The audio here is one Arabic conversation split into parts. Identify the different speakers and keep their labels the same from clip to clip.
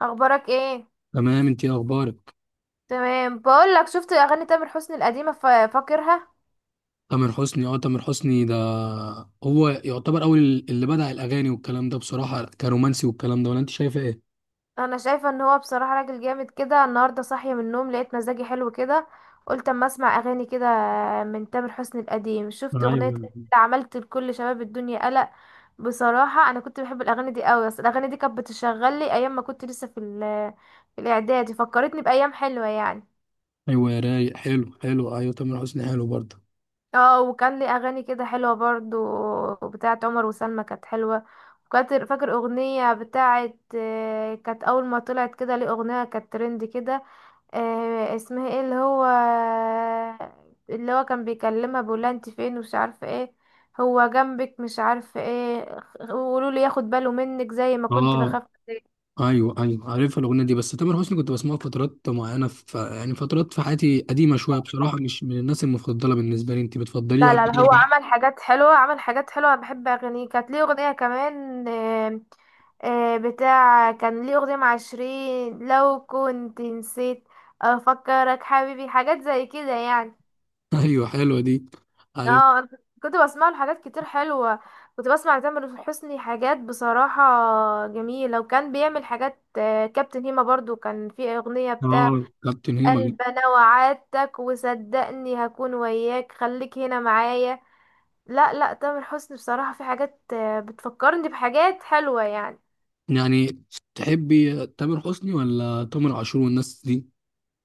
Speaker 1: اخبارك ايه؟
Speaker 2: تمام، انت ايه اخبارك؟
Speaker 1: تمام، بقول لك شفت اغاني تامر حسني القديمه، فاكرها.
Speaker 2: تامر حسني، اه تامر حسني ده هو يعتبر اول اللي بدأ الاغاني والكلام ده بصراحة، كرومانسي والكلام ده، ولا انت شايفه ايه؟
Speaker 1: انا شايفه ان هو بصراحه راجل جامد كده. النهارده صاحيه من النوم لقيت مزاجي حلو كده، قلت اما اسمع اغاني كده من تامر حسني القديم. شفت اغنيه
Speaker 2: ايوه،
Speaker 1: عملت لكل شباب الدنيا قلق. بصراحه انا كنت بحب الاغاني دي قوي، اصل الاغاني دي كانت بتشغل لي ايام ما كنت لسه في في الاعدادي، فكرتني بايام حلوه يعني.
Speaker 2: ايوه يا رايق، حلو حلو. ايوه تامر حسني حلو برضه.
Speaker 1: اه، وكان لي اغاني كده حلوه برضو بتاعت عمر وسلمى، كانت حلوه. وكانت فاكر اغنيه بتاعت، كانت اول ما طلعت كده ليه اغنيه كانت ترند كده، اسمها ايه؟ اللي هو كان بيكلمها بيقولها انت فين ومش عارفه ايه، هو جنبك مش عارفه ايه، قولوا لي ياخد باله منك زي ما كنت
Speaker 2: اه
Speaker 1: بخاف.
Speaker 2: ايوه ايوه، عارفها الاغنيه دي. بس تامر حسني كنت بسمعه في فترات معينه، في يعني فترات في حياتي قديمه شويه، بصراحه مش من الناس المفضله بالنسبه لي. انت بتفضليه
Speaker 1: لا لا لا، هو
Speaker 2: يعني؟
Speaker 1: عمل حاجات حلوة، عمل حاجات حلوة. أنا بحب أغانيه. كانت ليه أغنية كمان، بتاع كان ليه أغنية مع شيرين، لو كنت نسيت أفكرك حبيبي، حاجات زي كده يعني.
Speaker 2: ايوه حلوه دي. عارف.
Speaker 1: اه أنا كنت بسمع له حاجات كتير حلوة. كنت بسمع لتامر حسني حاجات بصراحة جميلة، وكان بيعمل حاجات، كابتن هيما برضو كان في أغنية بتاع
Speaker 2: اه كابتن هيما.
Speaker 1: قلب أنا وعدتك وصدقني هكون وياك خليك هنا معايا. لا لا، تامر حسني بصراحة في حاجات، بتفكرني بحاجات حلوة يعني.
Speaker 2: يعني تحبي تامر حسني ولا تامر عاشور والناس دي؟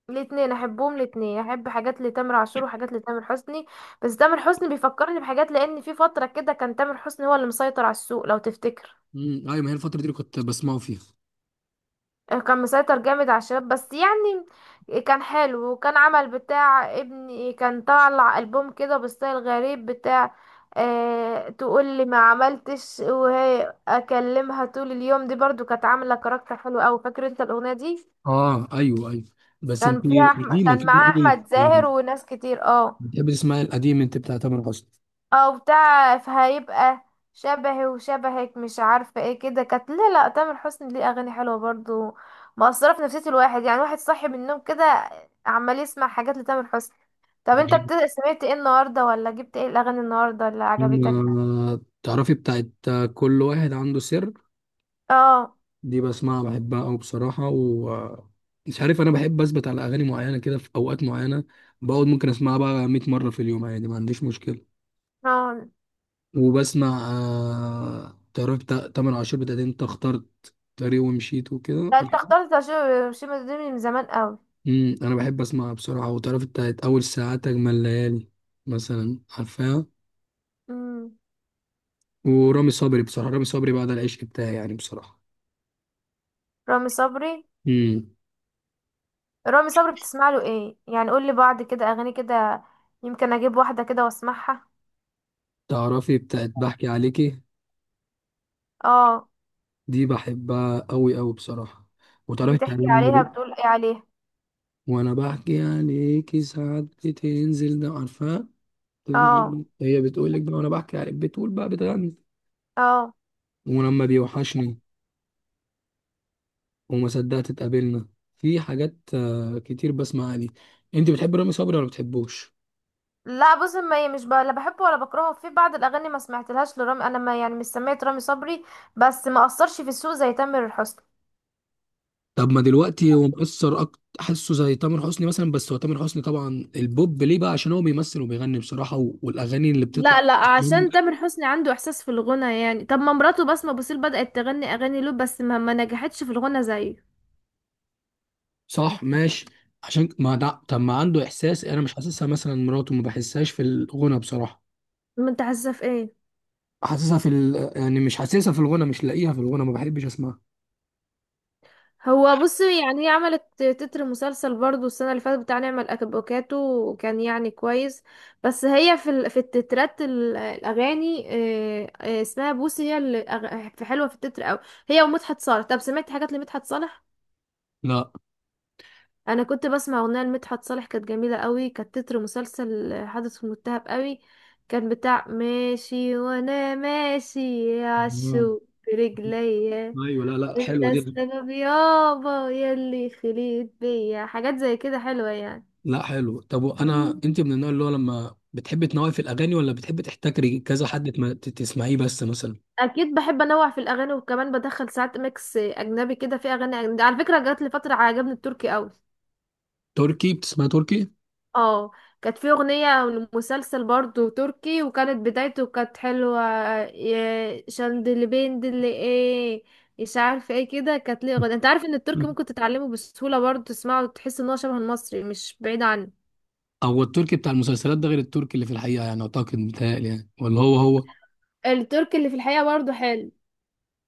Speaker 1: الاتنين احبهم، الاتنين احب حاجات لتامر عاشور وحاجات لتامر حسني. بس تامر حسني بيفكرني بحاجات، لان في فترة كده كان تامر حسني هو اللي مسيطر على السوق لو تفتكر.
Speaker 2: ايوه، ما هي الفتره دي اللي كنت بسمعه فيها.
Speaker 1: كان مسيطر جامد على الشباب بس يعني. كان حلو، وكان عمل بتاع ابني، كان طالع ألبوم كده بستايل غريب بتاع أه تقول لي ما عملتش وهي اكلمها طول اليوم، دي برضو كانت عامله كاركتر حلو قوي، فاكر انت الاغنيه دي؟
Speaker 2: اه ايوه ايوه. بس
Speaker 1: كان
Speaker 2: انت
Speaker 1: فيها احمد،
Speaker 2: قديمه
Speaker 1: كان
Speaker 2: كده
Speaker 1: معاه
Speaker 2: قوي.
Speaker 1: احمد زاهر وناس كتير، اه.
Speaker 2: بتحبي تسمعي القديم انت بتاع تامر حسني؟
Speaker 1: او بتاع فهيبقى شبهي وشبهك مش عارفه ايه كده كانت. لا لا، تامر حسني ليه اغاني حلوه برضو، مأثره في نفسيه الواحد يعني. واحد صاحي من النوم كده عمال يسمع حاجات لتامر حسني. طب انت سمعت ايه النهارده، ولا جبت ايه الاغاني النهارده اللي عجبتك؟
Speaker 2: أنا تعرفي بتاعت كل واحد عنده سر،
Speaker 1: اه.
Speaker 2: دي بسمعها بحبها أوي بصراحة. و مش عارف، أنا بحب أثبت على أغاني معينة كده في أوقات معينة. بقعد ممكن أسمعها بقى 100 مرة في اليوم عادي، ما عنديش مشكلة.
Speaker 1: اه،
Speaker 2: وبسمع تعرف تامر عاشور بتاعت انت اخترت طريق ومشيت وكده.
Speaker 1: لا، انت اخترت شيماء دي من زمان قوي.
Speaker 2: انا بحب اسمعها بصراحه. وتعرف بتاعت اول ساعات اجمل ليالي مثلا، عارفاها؟
Speaker 1: امم،
Speaker 2: ورامي صبري، بصراحه رامي صبري بعد العشق بتاعي يعني بصراحه.
Speaker 1: رامي صبري.
Speaker 2: امم.
Speaker 1: رامي صبري بتسمع له ايه يعني؟ قول لي بعض كده اغاني كده، يمكن اجيب واحده كده واسمعها.
Speaker 2: تعرفي بتاعت بحكي عليكي،
Speaker 1: اه.
Speaker 2: دي بحبها قوي قوي بصراحه. وتعرفي بتاعت
Speaker 1: بتحكي
Speaker 2: لما
Speaker 1: عليها بتقول ايه عليها؟
Speaker 2: وانا بحكي عليكي ساعات بتنزل ده، عارفاها؟
Speaker 1: اه.
Speaker 2: بتنزل هي بتقول لك بقى وانا بحكي عليك، بتقول بقى بتغني.
Speaker 1: اه.
Speaker 2: ولما بيوحشني، وما صدقت اتقابلنا. في حاجات كتير بسمع عليه. انت بتحب رامي صبري ولا بتحبوش؟
Speaker 1: لا، بص، ما هي مش ب... لا، بحبه ولا بكرهه. في بعض الاغاني ما سمعتلهاش لرامي، انا ما يعني مش سمعت رامي صبري، بس ما اثرش في السوق زي تامر حسني.
Speaker 2: طب ما دلوقتي هو مؤثر اكتر، حاسه زي تامر حسني مثلا. بس هو تامر حسني طبعا البوب ليه بقى، عشان هو بيمثل وبيغني بصراحة والاغاني اللي بتطلع.
Speaker 1: لا لا، عشان تامر حسني عنده احساس في الغنى يعني. طب ما مراته بسمة بوسيل بدأت تغني اغاني له، بس ما نجحتش في الغنى زيه.
Speaker 2: صح ماشي. عشان ما ده طب ما عنده احساس، انا مش حاسسها مثلا مراته، ما بحسهاش في الغنى بصراحة.
Speaker 1: ما انت حاسه في ايه؟
Speaker 2: حاسسها في ال... يعني مش حاسسها في الغنى، مش لاقيها في الغنى، ما بحبش اسمعها.
Speaker 1: هو بص يعني، هي عملت تتر مسلسل برضو السنة اللي فاتت بتاع نعمة الأفوكاتو، وكان يعني كويس. بس هي في في التترات، الأغاني، اسمها بوسي هي اللي في حلوة في التتر أوي. هي ومدحت صالح. طب سمعت حاجات لمدحت صالح؟
Speaker 2: لا.
Speaker 1: أنا كنت بسمع أغنية لمدحت صالح كانت جميلة أوي، كانت تتر مسلسل حدث متهم أوي، كان بتاع ماشي وأنا ماشي
Speaker 2: آه.
Speaker 1: عالشوق برجليا،
Speaker 2: ايوه لا لا
Speaker 1: انت
Speaker 2: حلوه دي.
Speaker 1: السبب يابا يلي خليت بيا حاجات زي كده حلوة يعني.
Speaker 2: لا حلو. طب انا انت من النوع اللي هو لما بتحبي تنوعي في الاغاني، ولا بتحبي تحتكري كذا حد تسمعيه بس مثلا؟
Speaker 1: اكيد بحب انوع في الاغاني، وكمان بدخل ساعات ميكس اجنبي كده في اغاني أجنبي. على فكرة جات لي فترة عجبني التركي قوي.
Speaker 2: تركي، بتسمعي تركي؟
Speaker 1: اه، كانت في اغنية لمسلسل برضو تركي، وكانت بدايته كانت حلوة. يا شندلي بين دلي ايه، مش عارفة ايه كده، كانت ليه اغنية. انت عارف ان التركي ممكن تتعلمه بسهولة برضو؟ تسمعه وتحس ان هو شبه المصري، مش بعيد عنه.
Speaker 2: او التركي بتاع المسلسلات ده غير التركي اللي في الحقيقه يعني، اعتقد متهيألي يعني، ولا هو هو؟
Speaker 1: التركي اللي في الحقيقة برضو حلو.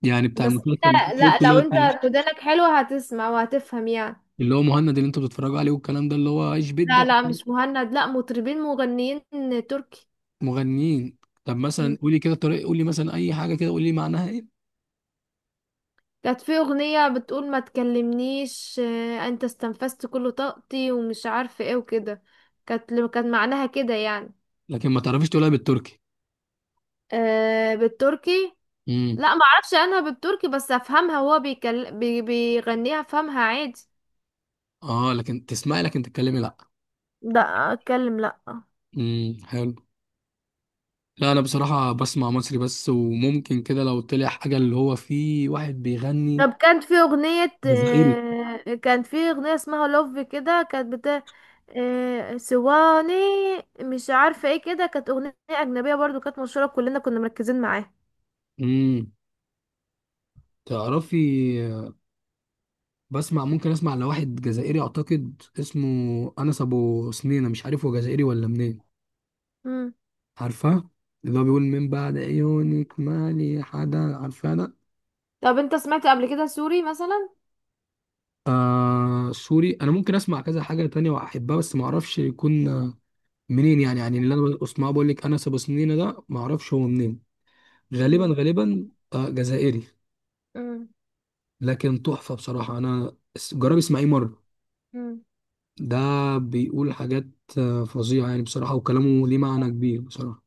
Speaker 2: يعني بتاع
Speaker 1: بس انت،
Speaker 2: المسلسل ده،
Speaker 1: لا،
Speaker 2: التركي
Speaker 1: لو انت ودانك حلوة هتسمع وهتفهم يعني.
Speaker 2: اللي هو مهند اللي انتوا بتتفرجوا عليه والكلام ده، اللي هو ايش
Speaker 1: لا
Speaker 2: بدك.
Speaker 1: لا، مش مهند، لا، مطربين مغنيين تركي.
Speaker 2: مغنيين. طب مثلا
Speaker 1: مم.
Speaker 2: قولي كده طريقه، قولي مثلا اي حاجه كده، قولي معناها ايه.
Speaker 1: كانت في اغنية بتقول ما تكلمنيش، انت استنفذت كل طاقتي ومش عارفة ايه وكده. كانت معناها كده يعني.
Speaker 2: لكن ما تعرفيش تقولها بالتركي؟
Speaker 1: أه، بالتركي.
Speaker 2: امم.
Speaker 1: لا ما اعرفش عنها بالتركي، بس افهمها، وهو بيغنيها افهمها عادي.
Speaker 2: اه لكن تسمعي، لكن تتكلمي لا.
Speaker 1: لا، اتكلم لا.
Speaker 2: حلو. لا انا بصراحه بسمع مصري بس، وممكن كده لو طلع حاجه اللي هو فيه واحد بيغني.
Speaker 1: طب كانت في أغنية،
Speaker 2: جزائري.
Speaker 1: كانت في أغنية اسمها لوف كده، كانت بتاع سواني مش عارفة ايه كده، كانت أغنية أجنبية برضو كانت مشهورة، كلنا كنا مركزين معاها.
Speaker 2: امم. تعرفي، بسمع ممكن اسمع لواحد جزائري، اعتقد اسمه انس ابو سنينه، مش عارف هو جزائري ولا منين.
Speaker 1: مم.
Speaker 2: عارفاه؟ اللي هو بيقول من بعد عيونك مالي حدا، عارفاه ده؟
Speaker 1: طب انت سمعت قبل كده سوري مثلا؟
Speaker 2: آه سوري. انا ممكن اسمع كذا حاجه تانية واحبها، بس ما اعرفش يكون منين يعني. يعني اللي انا بسمعه بقول لك انس ابو سنينه ده، ما اعرفش هو منين، غالبا
Speaker 1: مم.
Speaker 2: غالبا آه جزائري.
Speaker 1: مم.
Speaker 2: لكن تحفة بصراحة، أنا جرب اسمعيه مرة.
Speaker 1: مم.
Speaker 2: ده بيقول حاجات فظيعة يعني بصراحة، وكلامه ليه معنى كبير بصراحة.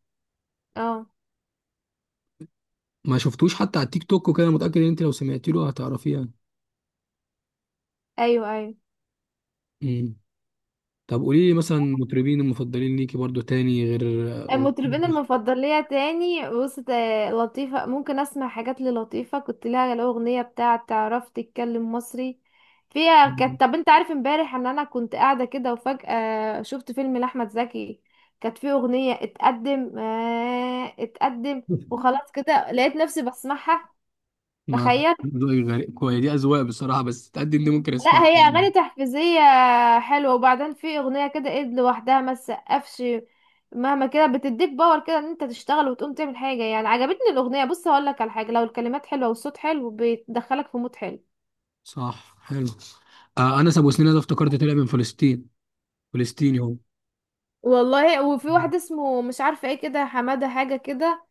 Speaker 1: اه،
Speaker 2: ما شفتوش حتى على التيك توك وكده؟ متأكد إن أنت لو سمعتي له هتعرفيه يعني.
Speaker 1: ايوه ايوه.
Speaker 2: مم. طب قولي لي مثلا المطربين المفضلين ليكي برضو تاني، غير
Speaker 1: المطربين المفضل ليا تاني بص، لطيفة ممكن اسمع حاجات للطيفة. كنت لها الأغنية بتاعة تعرف تتكلم مصري فيها،
Speaker 2: غير-
Speaker 1: كانت. طب انت عارف امبارح ان انا كنت قاعدة كده وفجأة شفت فيلم لأحمد زكي؟ كانت فيه أغنية اتقدم، آه اتقدم. وخلاص كده لقيت نفسي بسمعها،
Speaker 2: ما
Speaker 1: تخيل.
Speaker 2: ذوقي غريب، كويس دي أذواق بصراحة. بس تقدم دي ممكن
Speaker 1: لا،
Speaker 2: أسمعها
Speaker 1: هي
Speaker 2: يعني.
Speaker 1: اغاني تحفيزيه حلوه. وبعدين في اغنيه كده، ايد لوحدها ما تسقفش مهما كده، بتديك باور كده ان انت تشتغل وتقوم تعمل حاجه يعني. عجبتني الاغنيه. بص هقول لك على حاجه، لو الكلمات حلوه والصوت حلو بيدخلك في مود حلو.
Speaker 2: صح حلو. آه أنس أبو سنين ده افتكرت، طلع من فلسطين، فلسطيني هو.
Speaker 1: والله. وفي واحد اسمه مش عارفه ايه كده، حماده حاجه كده،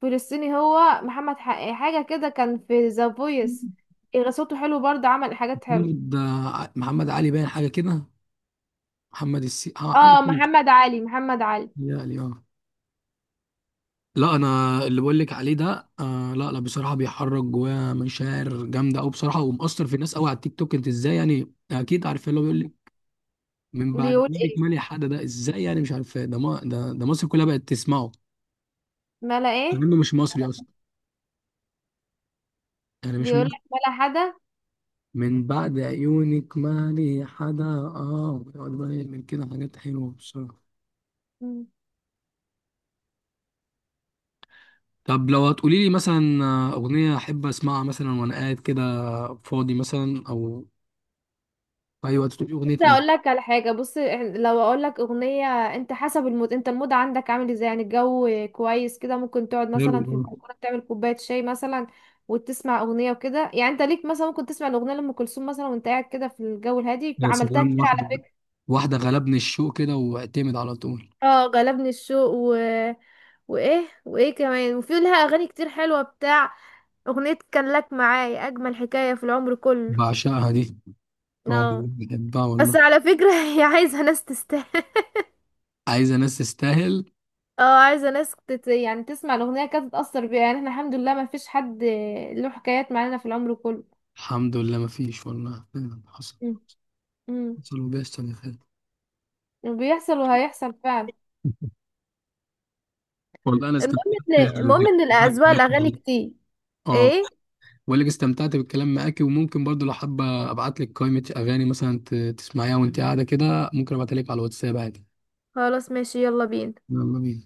Speaker 1: فلسطيني هو، محمد حاجه كده، كان في ذا فويس. صوته حلو برضه، عمل حاجات حلوه.
Speaker 2: محمد محمد علي، باين حاجة كده. محمد السي، اه حاجه
Speaker 1: اه،
Speaker 2: كده.
Speaker 1: محمد علي، محمد علي.
Speaker 2: يعني اه. لا انا اللي بقول لك عليه ده آه، لا لا بصراحه بيحرك جوايا مشاعر جامده قوي بصراحه، ومأثر في الناس قوي على التيك توك. انت ازاي يعني، اكيد عارف اللي هو بيقول لك من بعد
Speaker 1: بيقول
Speaker 2: ميلك
Speaker 1: ايه؟
Speaker 2: مالي حد، ده ازاي يعني مش عارف، ده ما ده, ده مصر كلها بقت تسمعه.
Speaker 1: ملا ايه؟
Speaker 2: لانه مش مصري اصلا يعني، مش
Speaker 1: بيقول
Speaker 2: مصري.
Speaker 1: لك ملا حدا.
Speaker 2: من بعد عيونك مالي حدا. اه بيقعد بقى يعمل كده حاجات حلوه بصراحه. طب لو هتقولي لي مثلا اغنيه احب اسمعها مثلا وانا قاعد كده فاضي مثلا، او ايوه، تقول
Speaker 1: بس
Speaker 2: اغنيه ايه؟
Speaker 1: اقول لك على حاجه، بص لو اقول لك اغنيه، انت حسب المود، انت المود عندك عامل ازاي يعني. الجو كويس كده، ممكن تقعد
Speaker 2: حلو
Speaker 1: مثلا في
Speaker 2: أوي.
Speaker 1: البلكونه تعمل كوبايه شاي مثلا وتسمع اغنيه وكده يعني. انت ليك مثلا، ممكن تسمع الاغنيه لام كلثوم مثلا وانت قاعد كده في الجو الهادي،
Speaker 2: يا
Speaker 1: عملتها
Speaker 2: سلام،
Speaker 1: كتير على
Speaker 2: واحده
Speaker 1: فكره.
Speaker 2: واحده غلبني الشوق كده واعتمد على طول.
Speaker 1: اه غلبني الشوق و... وايه وايه كمان. وفي لها اغاني كتير حلوه بتاع اغنيه كان لك معايا اجمل حكايه في العمر كله.
Speaker 2: بعشقها دي، اه
Speaker 1: اه.
Speaker 2: بحبها
Speaker 1: بس
Speaker 2: والله.
Speaker 1: على فكره هي عايزه ناس تستاهل.
Speaker 2: عايزه ناس تستاهل.
Speaker 1: اه، عايزه ناس يعني تسمع الاغنيه كده تتاثر بيها يعني. احنا الحمد لله ما فيش حد له حكايات معانا في العمر كله.
Speaker 2: الحمد لله ما فيش والله. حصل،
Speaker 1: مم. امم.
Speaker 2: حصل وبيحصل يا خالد.
Speaker 1: وبيحصل وهيحصل فعلا.
Speaker 2: والله انا
Speaker 1: المهم،
Speaker 2: استمتعت
Speaker 1: ان
Speaker 2: بالكلام
Speaker 1: المهم
Speaker 2: معاك
Speaker 1: ان الاذواق الاغاني
Speaker 2: والله.
Speaker 1: كتير.
Speaker 2: اه
Speaker 1: ايه؟
Speaker 2: بقول لك استمتعت بالكلام معاكي، وممكن برضو لو حابه ابعت لك قائمه اغاني مثلا تسمعيها وانت قاعده كده، ممكن ابعتها لك على الواتساب عادي.
Speaker 1: خلاص ماشي، يلا بينا.
Speaker 2: يلا بينا.